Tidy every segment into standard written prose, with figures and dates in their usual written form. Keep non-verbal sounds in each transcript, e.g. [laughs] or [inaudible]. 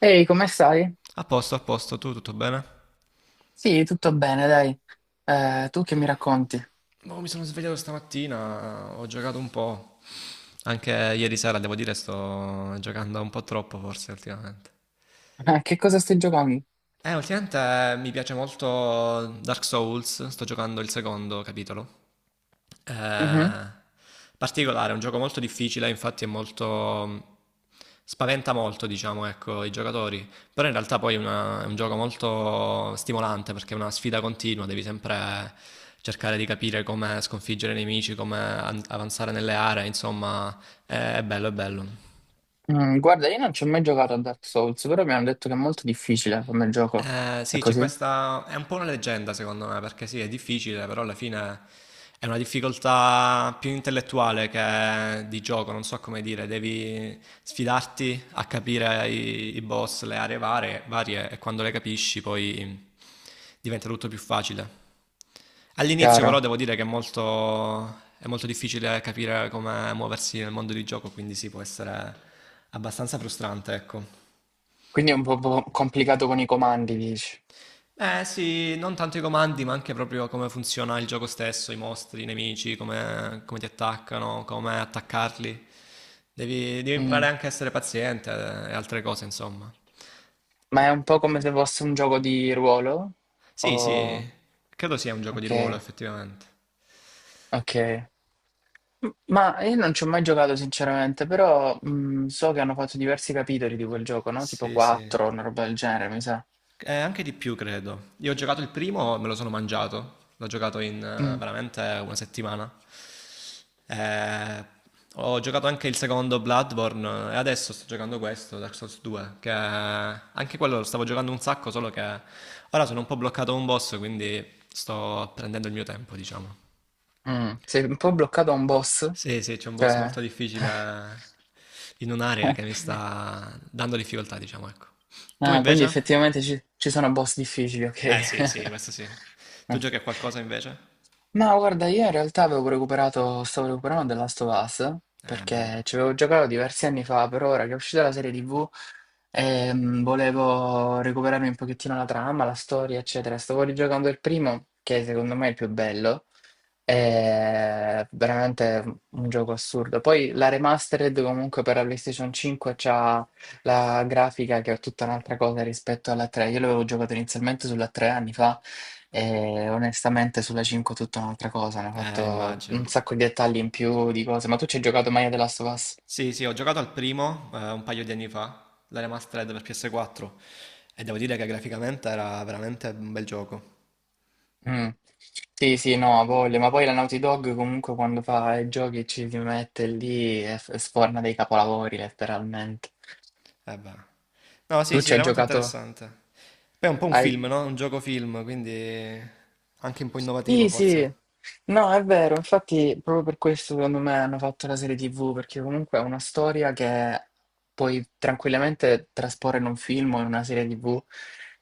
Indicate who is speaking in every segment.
Speaker 1: Ehi, come stai?
Speaker 2: A posto, tu tutto bene?
Speaker 1: Sì, tutto bene, dai. Tu che mi racconti?
Speaker 2: Boh, mi sono svegliato stamattina, ho giocato un po'. Anche ieri sera, devo dire, sto giocando un po' troppo forse ultimamente.
Speaker 1: [laughs] Che cosa stai giocando?
Speaker 2: Ultimamente mi piace molto Dark Souls, sto giocando il secondo capitolo.
Speaker 1: Mhm.
Speaker 2: Eh, particolare, è un gioco molto difficile, infatti è molto spaventa molto, diciamo, ecco, i giocatori, però in realtà poi è un gioco molto stimolante perché è una sfida continua, devi sempre cercare di capire come sconfiggere i nemici, come avanzare nelle aree, insomma, è bello, è bello.
Speaker 1: Guarda, io non ci ho mai giocato a Dark Souls, però mi hanno detto che è molto difficile come gioco. È
Speaker 2: Sì, c'è
Speaker 1: così?
Speaker 2: questa è un po' una leggenda secondo me, perché sì, è difficile, però alla fine è una difficoltà più intellettuale che di gioco, non so come dire, devi sfidarti a capire i boss, le aree varie e quando le capisci poi diventa tutto più facile. All'inizio però
Speaker 1: Chiaro.
Speaker 2: devo dire che è è molto difficile capire come muoversi nel mondo di gioco, quindi sì, può essere abbastanza frustrante, ecco.
Speaker 1: Quindi è un po' complicato con i comandi, dici.
Speaker 2: Eh sì, non tanto i comandi, ma anche proprio come funziona il gioco stesso, i mostri, i nemici, come ti attaccano, come attaccarli. Devi
Speaker 1: Mm.
Speaker 2: imparare anche a essere paziente e altre cose, insomma.
Speaker 1: Ma
Speaker 2: De-
Speaker 1: è un po' come se fosse un gioco di ruolo?
Speaker 2: sì, sì,
Speaker 1: O...
Speaker 2: credo sia un gioco di
Speaker 1: Ok,
Speaker 2: ruolo, effettivamente.
Speaker 1: ok. Ma io non ci ho mai giocato sinceramente, però so che hanno fatto diversi capitoli di quel gioco, no? Tipo
Speaker 2: Sì, sì.
Speaker 1: 4, una roba del genere, mi sa.
Speaker 2: Anche di più, credo. Io ho giocato il primo, me lo sono mangiato. L'ho giocato in
Speaker 1: Mh,
Speaker 2: veramente una settimana. Eh, ho giocato anche il secondo Bloodborne e adesso sto giocando questo, Dark Souls 2, che anche quello lo stavo giocando un sacco, solo che ora sono un po' bloccato a un boss, quindi sto prendendo il mio tempo, diciamo.
Speaker 1: Sei un po' bloccato a un boss?
Speaker 2: Sì, sì, c'è un boss molto
Speaker 1: Cioè.
Speaker 2: difficile in un'area che mi
Speaker 1: [laughs]
Speaker 2: sta dando difficoltà, diciamo, ecco. Tu
Speaker 1: Ah, quindi
Speaker 2: invece?
Speaker 1: effettivamente ci sono boss difficili, okay.
Speaker 2: Beh, sì, sì, questo sì.
Speaker 1: [laughs] Mh.
Speaker 2: Tu giochi a qualcosa invece?
Speaker 1: Ma guarda, io in realtà avevo recuperato stavo recuperando The Last of Us,
Speaker 2: Bello.
Speaker 1: perché ci avevo giocato diversi anni fa, però ora che è uscita la serie TV, volevo recuperarmi un pochettino la trama, la storia, eccetera. Stavo rigiocando il primo, che secondo me è il più bello. È veramente un gioco assurdo. Poi la remastered comunque per la PlayStation 5 c'ha la grafica che è tutta un'altra cosa rispetto alla 3. Io l'avevo giocato inizialmente sulla 3 anni fa e onestamente sulla 5 è tutta un'altra cosa. Hanno fatto un
Speaker 2: Immagino.
Speaker 1: sacco di dettagli in più di cose. Ma tu ci hai giocato mai a The Last of Us?
Speaker 2: Sì, sì, ho giocato al primo un paio di anni fa, la remastered per PS4, e devo dire che graficamente era veramente un bel gioco.
Speaker 1: Mm. Sì, sì, no, ha voglia, ma poi la Naughty Dog comunque quando fa i giochi ci si mette lì e sforna dei capolavori letteralmente.
Speaker 2: Eh beh. No, sì,
Speaker 1: Tu
Speaker 2: sì,
Speaker 1: ci hai
Speaker 2: era molto
Speaker 1: giocato?
Speaker 2: interessante. Poi è un po' un
Speaker 1: Hai...
Speaker 2: film, no? Un gioco film, quindi anche un po' innovativo
Speaker 1: Sì, sì,
Speaker 2: forse.
Speaker 1: no, è vero, infatti proprio per questo secondo me hanno fatto la serie TV, perché comunque è una storia che puoi tranquillamente trasporre in un film o in una serie TV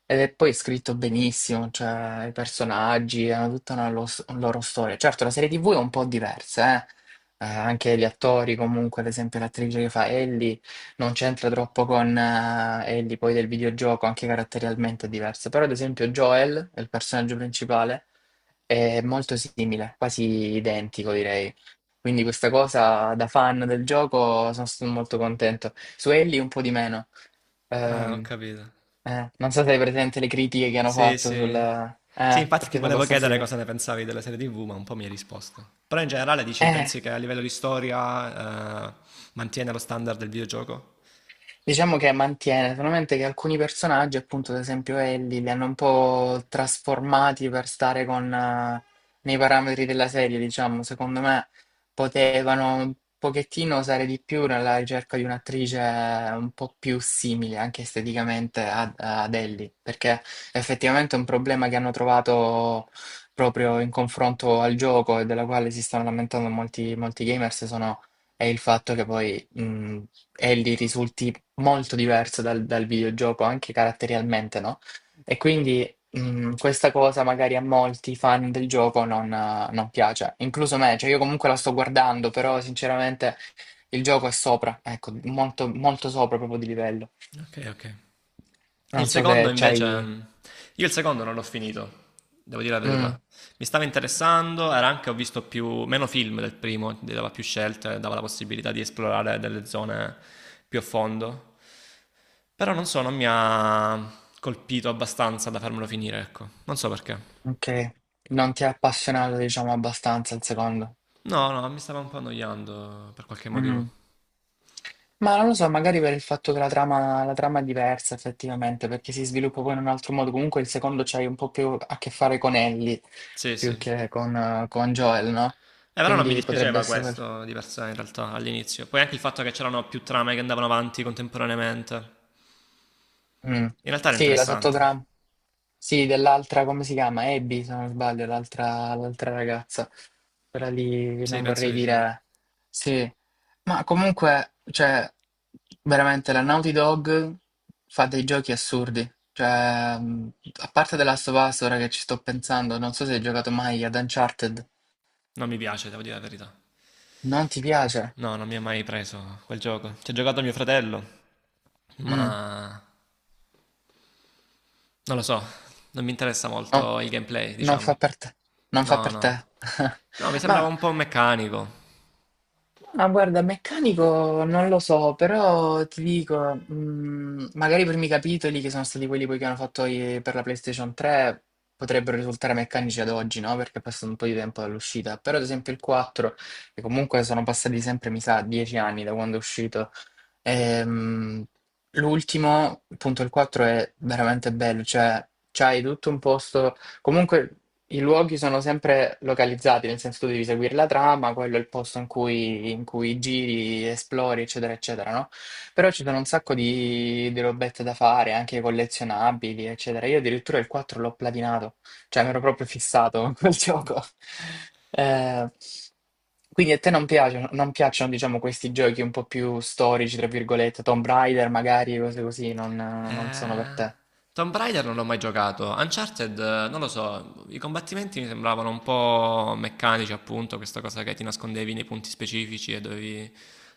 Speaker 1: ed è poi scritto benissimo, cioè i personaggi hanno tutta una loro storia. Certo, la serie TV è un po' diversa, eh? Anche gli attori comunque, ad esempio l'attrice che fa Ellie non c'entra troppo con Ellie poi del videogioco, anche caratterialmente è diversa, però ad esempio Joel è il personaggio principale. È molto simile, quasi identico direi. Quindi questa cosa da fan del gioco sono stato molto contento. Su Ellie un po' di meno.
Speaker 2: Ah, ho
Speaker 1: Ehm,
Speaker 2: capito.
Speaker 1: non so se hai presente le critiche che hanno
Speaker 2: Sì,
Speaker 1: fatto sul,
Speaker 2: sì. Sì, infatti ti
Speaker 1: perché sono
Speaker 2: volevo
Speaker 1: abbastanza
Speaker 2: chiedere cosa ne pensavi della serie TV, ma un po' mi hai risposto. Però in generale dici,
Speaker 1: diverse.
Speaker 2: pensi che a livello di storia, mantiene lo standard del videogioco?
Speaker 1: Diciamo che mantiene, solamente che alcuni personaggi, appunto, ad esempio Ellie, li hanno un po' trasformati per stare con, nei parametri della serie, diciamo. Secondo me potevano un pochettino usare di più nella ricerca di un'attrice un po' più simile, anche esteticamente, ad Ellie, perché effettivamente è un problema che hanno trovato proprio in confronto al gioco e della quale si stanno lamentando molti, molti gamers, sono, è il fatto che poi, Ellie risulti molto diverso dal videogioco, anche caratterialmente, no? E quindi questa cosa magari a molti fan del gioco non piace, incluso me, cioè io comunque la sto guardando, però sinceramente il gioco è sopra, ecco, molto, molto sopra proprio di livello.
Speaker 2: Ok, ok. E il
Speaker 1: Non so se
Speaker 2: secondo invece,
Speaker 1: c'hai...
Speaker 2: mm, io il secondo non l'ho finito, devo dire la
Speaker 1: Mm,
Speaker 2: verità. Mi stava interessando, era anche, ho meno film del primo, ti dava più scelte, dava la possibilità di esplorare delle zone più a fondo. Però non so, non mi ha colpito abbastanza da farmelo finire, ecco. Non so perché.
Speaker 1: ok, non ti è appassionato, diciamo, abbastanza il secondo.
Speaker 2: No, no, mi stava un po' annoiando per qualche motivo.
Speaker 1: Mm. Ma non lo so, magari per il fatto che la trama è diversa effettivamente, perché si sviluppa poi in un altro modo. Comunque il secondo c'hai un po' più a che fare con Ellie,
Speaker 2: Sì, sì.
Speaker 1: più
Speaker 2: E
Speaker 1: che con Joel, no?
Speaker 2: però non mi
Speaker 1: Quindi potrebbe
Speaker 2: dispiaceva
Speaker 1: essere quello.
Speaker 2: questo di per sé in realtà all'inizio. Poi anche il fatto che c'erano più trame che andavano avanti contemporaneamente.
Speaker 1: Mm.
Speaker 2: In realtà era
Speaker 1: Sì, la
Speaker 2: interessante.
Speaker 1: sottotrama. Sì, dell'altra, come si chiama? Abby, se non sbaglio, l'altra ragazza. Quella lì,
Speaker 2: Sì,
Speaker 1: non
Speaker 2: penso
Speaker 1: vorrei
Speaker 2: di sì.
Speaker 1: dire... Sì, ma comunque, cioè, veramente la Naughty Dog fa dei giochi assurdi. Cioè, a parte The Last of Us, ora che ci sto pensando, non so se hai giocato mai ad Uncharted.
Speaker 2: Non mi piace, devo dire la verità.
Speaker 1: Non ti piace?
Speaker 2: No, non mi ha mai preso quel gioco. Ci ha giocato mio fratello,
Speaker 1: Mm.
Speaker 2: ma non lo so, non mi interessa
Speaker 1: No,
Speaker 2: molto il gameplay,
Speaker 1: non fa
Speaker 2: diciamo.
Speaker 1: per te. Non fa
Speaker 2: No,
Speaker 1: per te.
Speaker 2: no.
Speaker 1: [laughs]
Speaker 2: No, mi
Speaker 1: Ma
Speaker 2: sembrava un po' meccanico.
Speaker 1: Ma guarda, meccanico non lo so, però ti dico, magari i primi capitoli, che sono stati quelli poi che hanno fatto per la PlayStation 3, potrebbero risultare meccanici ad oggi, no? Perché è passato un po' di tempo dall'uscita. Però ad esempio il 4, che comunque sono passati sempre, mi sa, 10 anni da quando è uscito. Ehm, L'ultimo, il punto il 4, è veramente bello, cioè c'hai tutto un posto, comunque i luoghi sono sempre localizzati, nel senso tu devi seguire la trama, quello è il posto in cui giri, esplori, eccetera, eccetera, no? Però ci sono un sacco di robette da fare, anche collezionabili, eccetera. Io addirittura il 4 l'ho platinato. Cioè, mi ero proprio fissato con quel [laughs] gioco. Eh, quindi a te non piacciono, non piacciono, diciamo, questi giochi un po' più storici, tra virgolette, Tomb Raider, magari, cose così, non sono per
Speaker 2: Eh,
Speaker 1: te.
Speaker 2: Tomb Raider non l'ho mai giocato. Uncharted, non lo so, i combattimenti mi sembravano un po' meccanici, appunto, questa cosa che ti nascondevi nei punti specifici e dovevi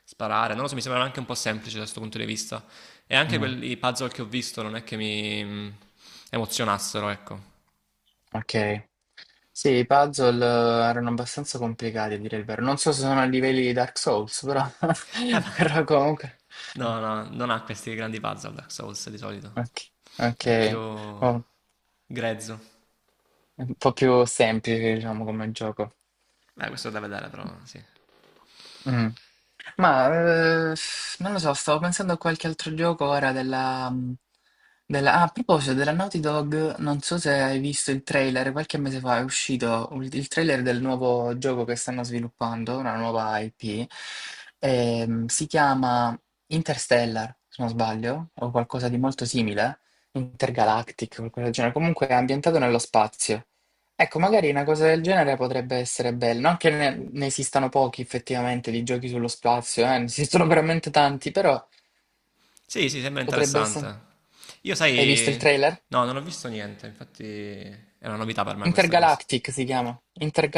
Speaker 2: sparare. Non lo so, mi sembrava anche un po' semplice da questo punto di vista. E anche
Speaker 1: Mm,
Speaker 2: quelli puzzle che ho visto non è che mi emozionassero, ecco.
Speaker 1: ok. Sì, i puzzle erano abbastanza complicati, a dire il vero. Non so se sono a livelli di Dark Souls, però, [laughs]
Speaker 2: Eh, ma-
Speaker 1: però comunque...
Speaker 2: no, no, non ha questi grandi puzzle Dark Souls di solito.
Speaker 1: Ok, ok.
Speaker 2: È più
Speaker 1: Oh,
Speaker 2: grezzo.
Speaker 1: è un po' più semplice, diciamo, come gioco.
Speaker 2: Beh, questo è da vedere, però, sì.
Speaker 1: Mm. Ma non lo so, stavo pensando a qualche altro gioco ora della, mm, della- ah, a proposito della Naughty Dog, non so se hai visto il trailer, qualche mese fa è uscito il trailer del nuovo gioco che stanno sviluppando, una nuova IP. Si chiama Interstellar, se non sbaglio, o qualcosa di molto simile, Intergalactic, qualcosa del genere, comunque è ambientato nello spazio. Ecco, magari una cosa del genere potrebbe essere bella, non che ne esistano pochi effettivamente di giochi sullo spazio. Ne esistono veramente tanti, però
Speaker 2: Sì, sì, sembra
Speaker 1: potrebbe essere...
Speaker 2: interessante. Io
Speaker 1: Hai visto il
Speaker 2: sai,
Speaker 1: trailer?
Speaker 2: no, non ho visto niente, infatti è una novità per me questa cosa.
Speaker 1: Intergalactic si chiama.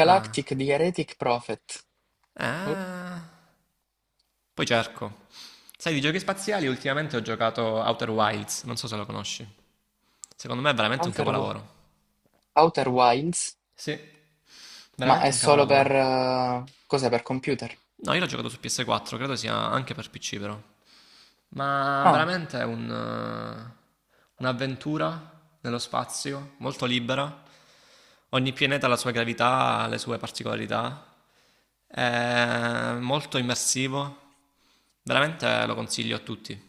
Speaker 2: Ah,
Speaker 1: di Heretic Prophet. Uh,
Speaker 2: ah. Poi cerco. Sai, di giochi spaziali ultimamente ho giocato Outer Wilds, non so se lo conosci. Secondo me è veramente un
Speaker 1: Outer, Wi-
Speaker 2: capolavoro.
Speaker 1: Outer Wilds,
Speaker 2: Sì,
Speaker 1: ma
Speaker 2: veramente
Speaker 1: è
Speaker 2: un
Speaker 1: solo per,
Speaker 2: capolavoro.
Speaker 1: cos'è? Per computer.
Speaker 2: No, io l'ho giocato su PS4, credo sia anche per PC però. Ma
Speaker 1: Ah,
Speaker 2: veramente è un'avventura nello spazio, molto libera. Ogni pianeta ha la sua gravità, ha le sue particolarità. È molto immersivo. Veramente lo consiglio a tutti.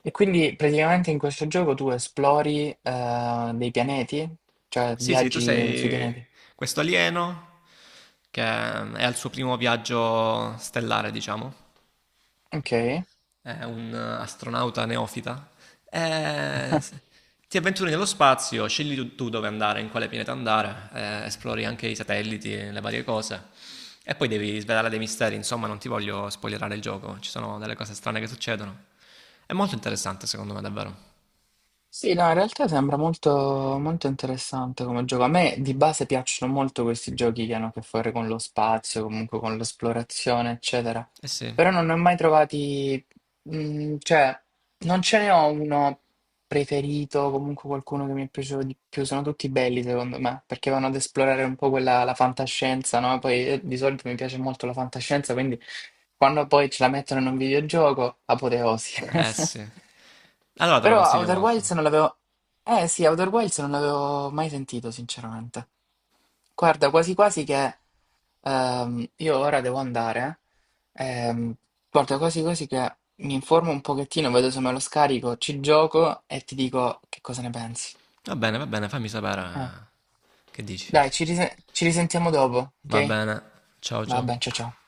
Speaker 1: e quindi praticamente in questo gioco tu esplori dei pianeti, cioè
Speaker 2: Sì, sì, tu
Speaker 1: viaggi sui
Speaker 2: sei
Speaker 1: pianeti.
Speaker 2: questo alieno che è al suo primo viaggio stellare, diciamo.
Speaker 1: Ok.
Speaker 2: È un astronauta neofita, eh,
Speaker 1: [laughs]
Speaker 2: ti avventuri nello spazio, scegli tu, tu dove andare, in quale pianeta andare, esplori anche i satelliti, le varie cose. E poi devi svelare dei misteri, insomma, non ti voglio spoilerare il gioco, ci sono delle cose strane che succedono. È molto interessante, secondo me, davvero.
Speaker 1: Sì, no, in realtà sembra molto, molto interessante come gioco. A me di base piacciono molto questi giochi che hanno a che fare con lo spazio, comunque con l'esplorazione, eccetera.
Speaker 2: Eh sì,
Speaker 1: Però non ne ho mai trovati, cioè, non ce ne ho uno preferito, comunque qualcuno che mi è piaciuto di più. Sono tutti belli secondo me, perché vanno ad esplorare un po' quella, la fantascienza, no? Poi di solito mi piace molto la fantascienza, quindi quando poi ce la mettono in un videogioco, apoteosi.
Speaker 2: eh
Speaker 1: [laughs]
Speaker 2: sì. Allora te lo
Speaker 1: Però
Speaker 2: consiglio
Speaker 1: Outer Wilds
Speaker 2: molto.
Speaker 1: non l'avevo... Eh sì, Outer Wilds non l'avevo mai sentito, sinceramente. Guarda, quasi quasi che... Io ora devo andare. eh. ehm, guarda, quasi quasi che mi informo un pochettino, vedo se me lo scarico, ci gioco e ti dico che cosa ne pensi.
Speaker 2: Va bene, fammi sapere
Speaker 1: Eh.
Speaker 2: che dici.
Speaker 1: Dai, ci risentiamo dopo,
Speaker 2: Va
Speaker 1: ok?
Speaker 2: bene, ciao
Speaker 1: Vabbè, ciao
Speaker 2: ciao.
Speaker 1: ciao.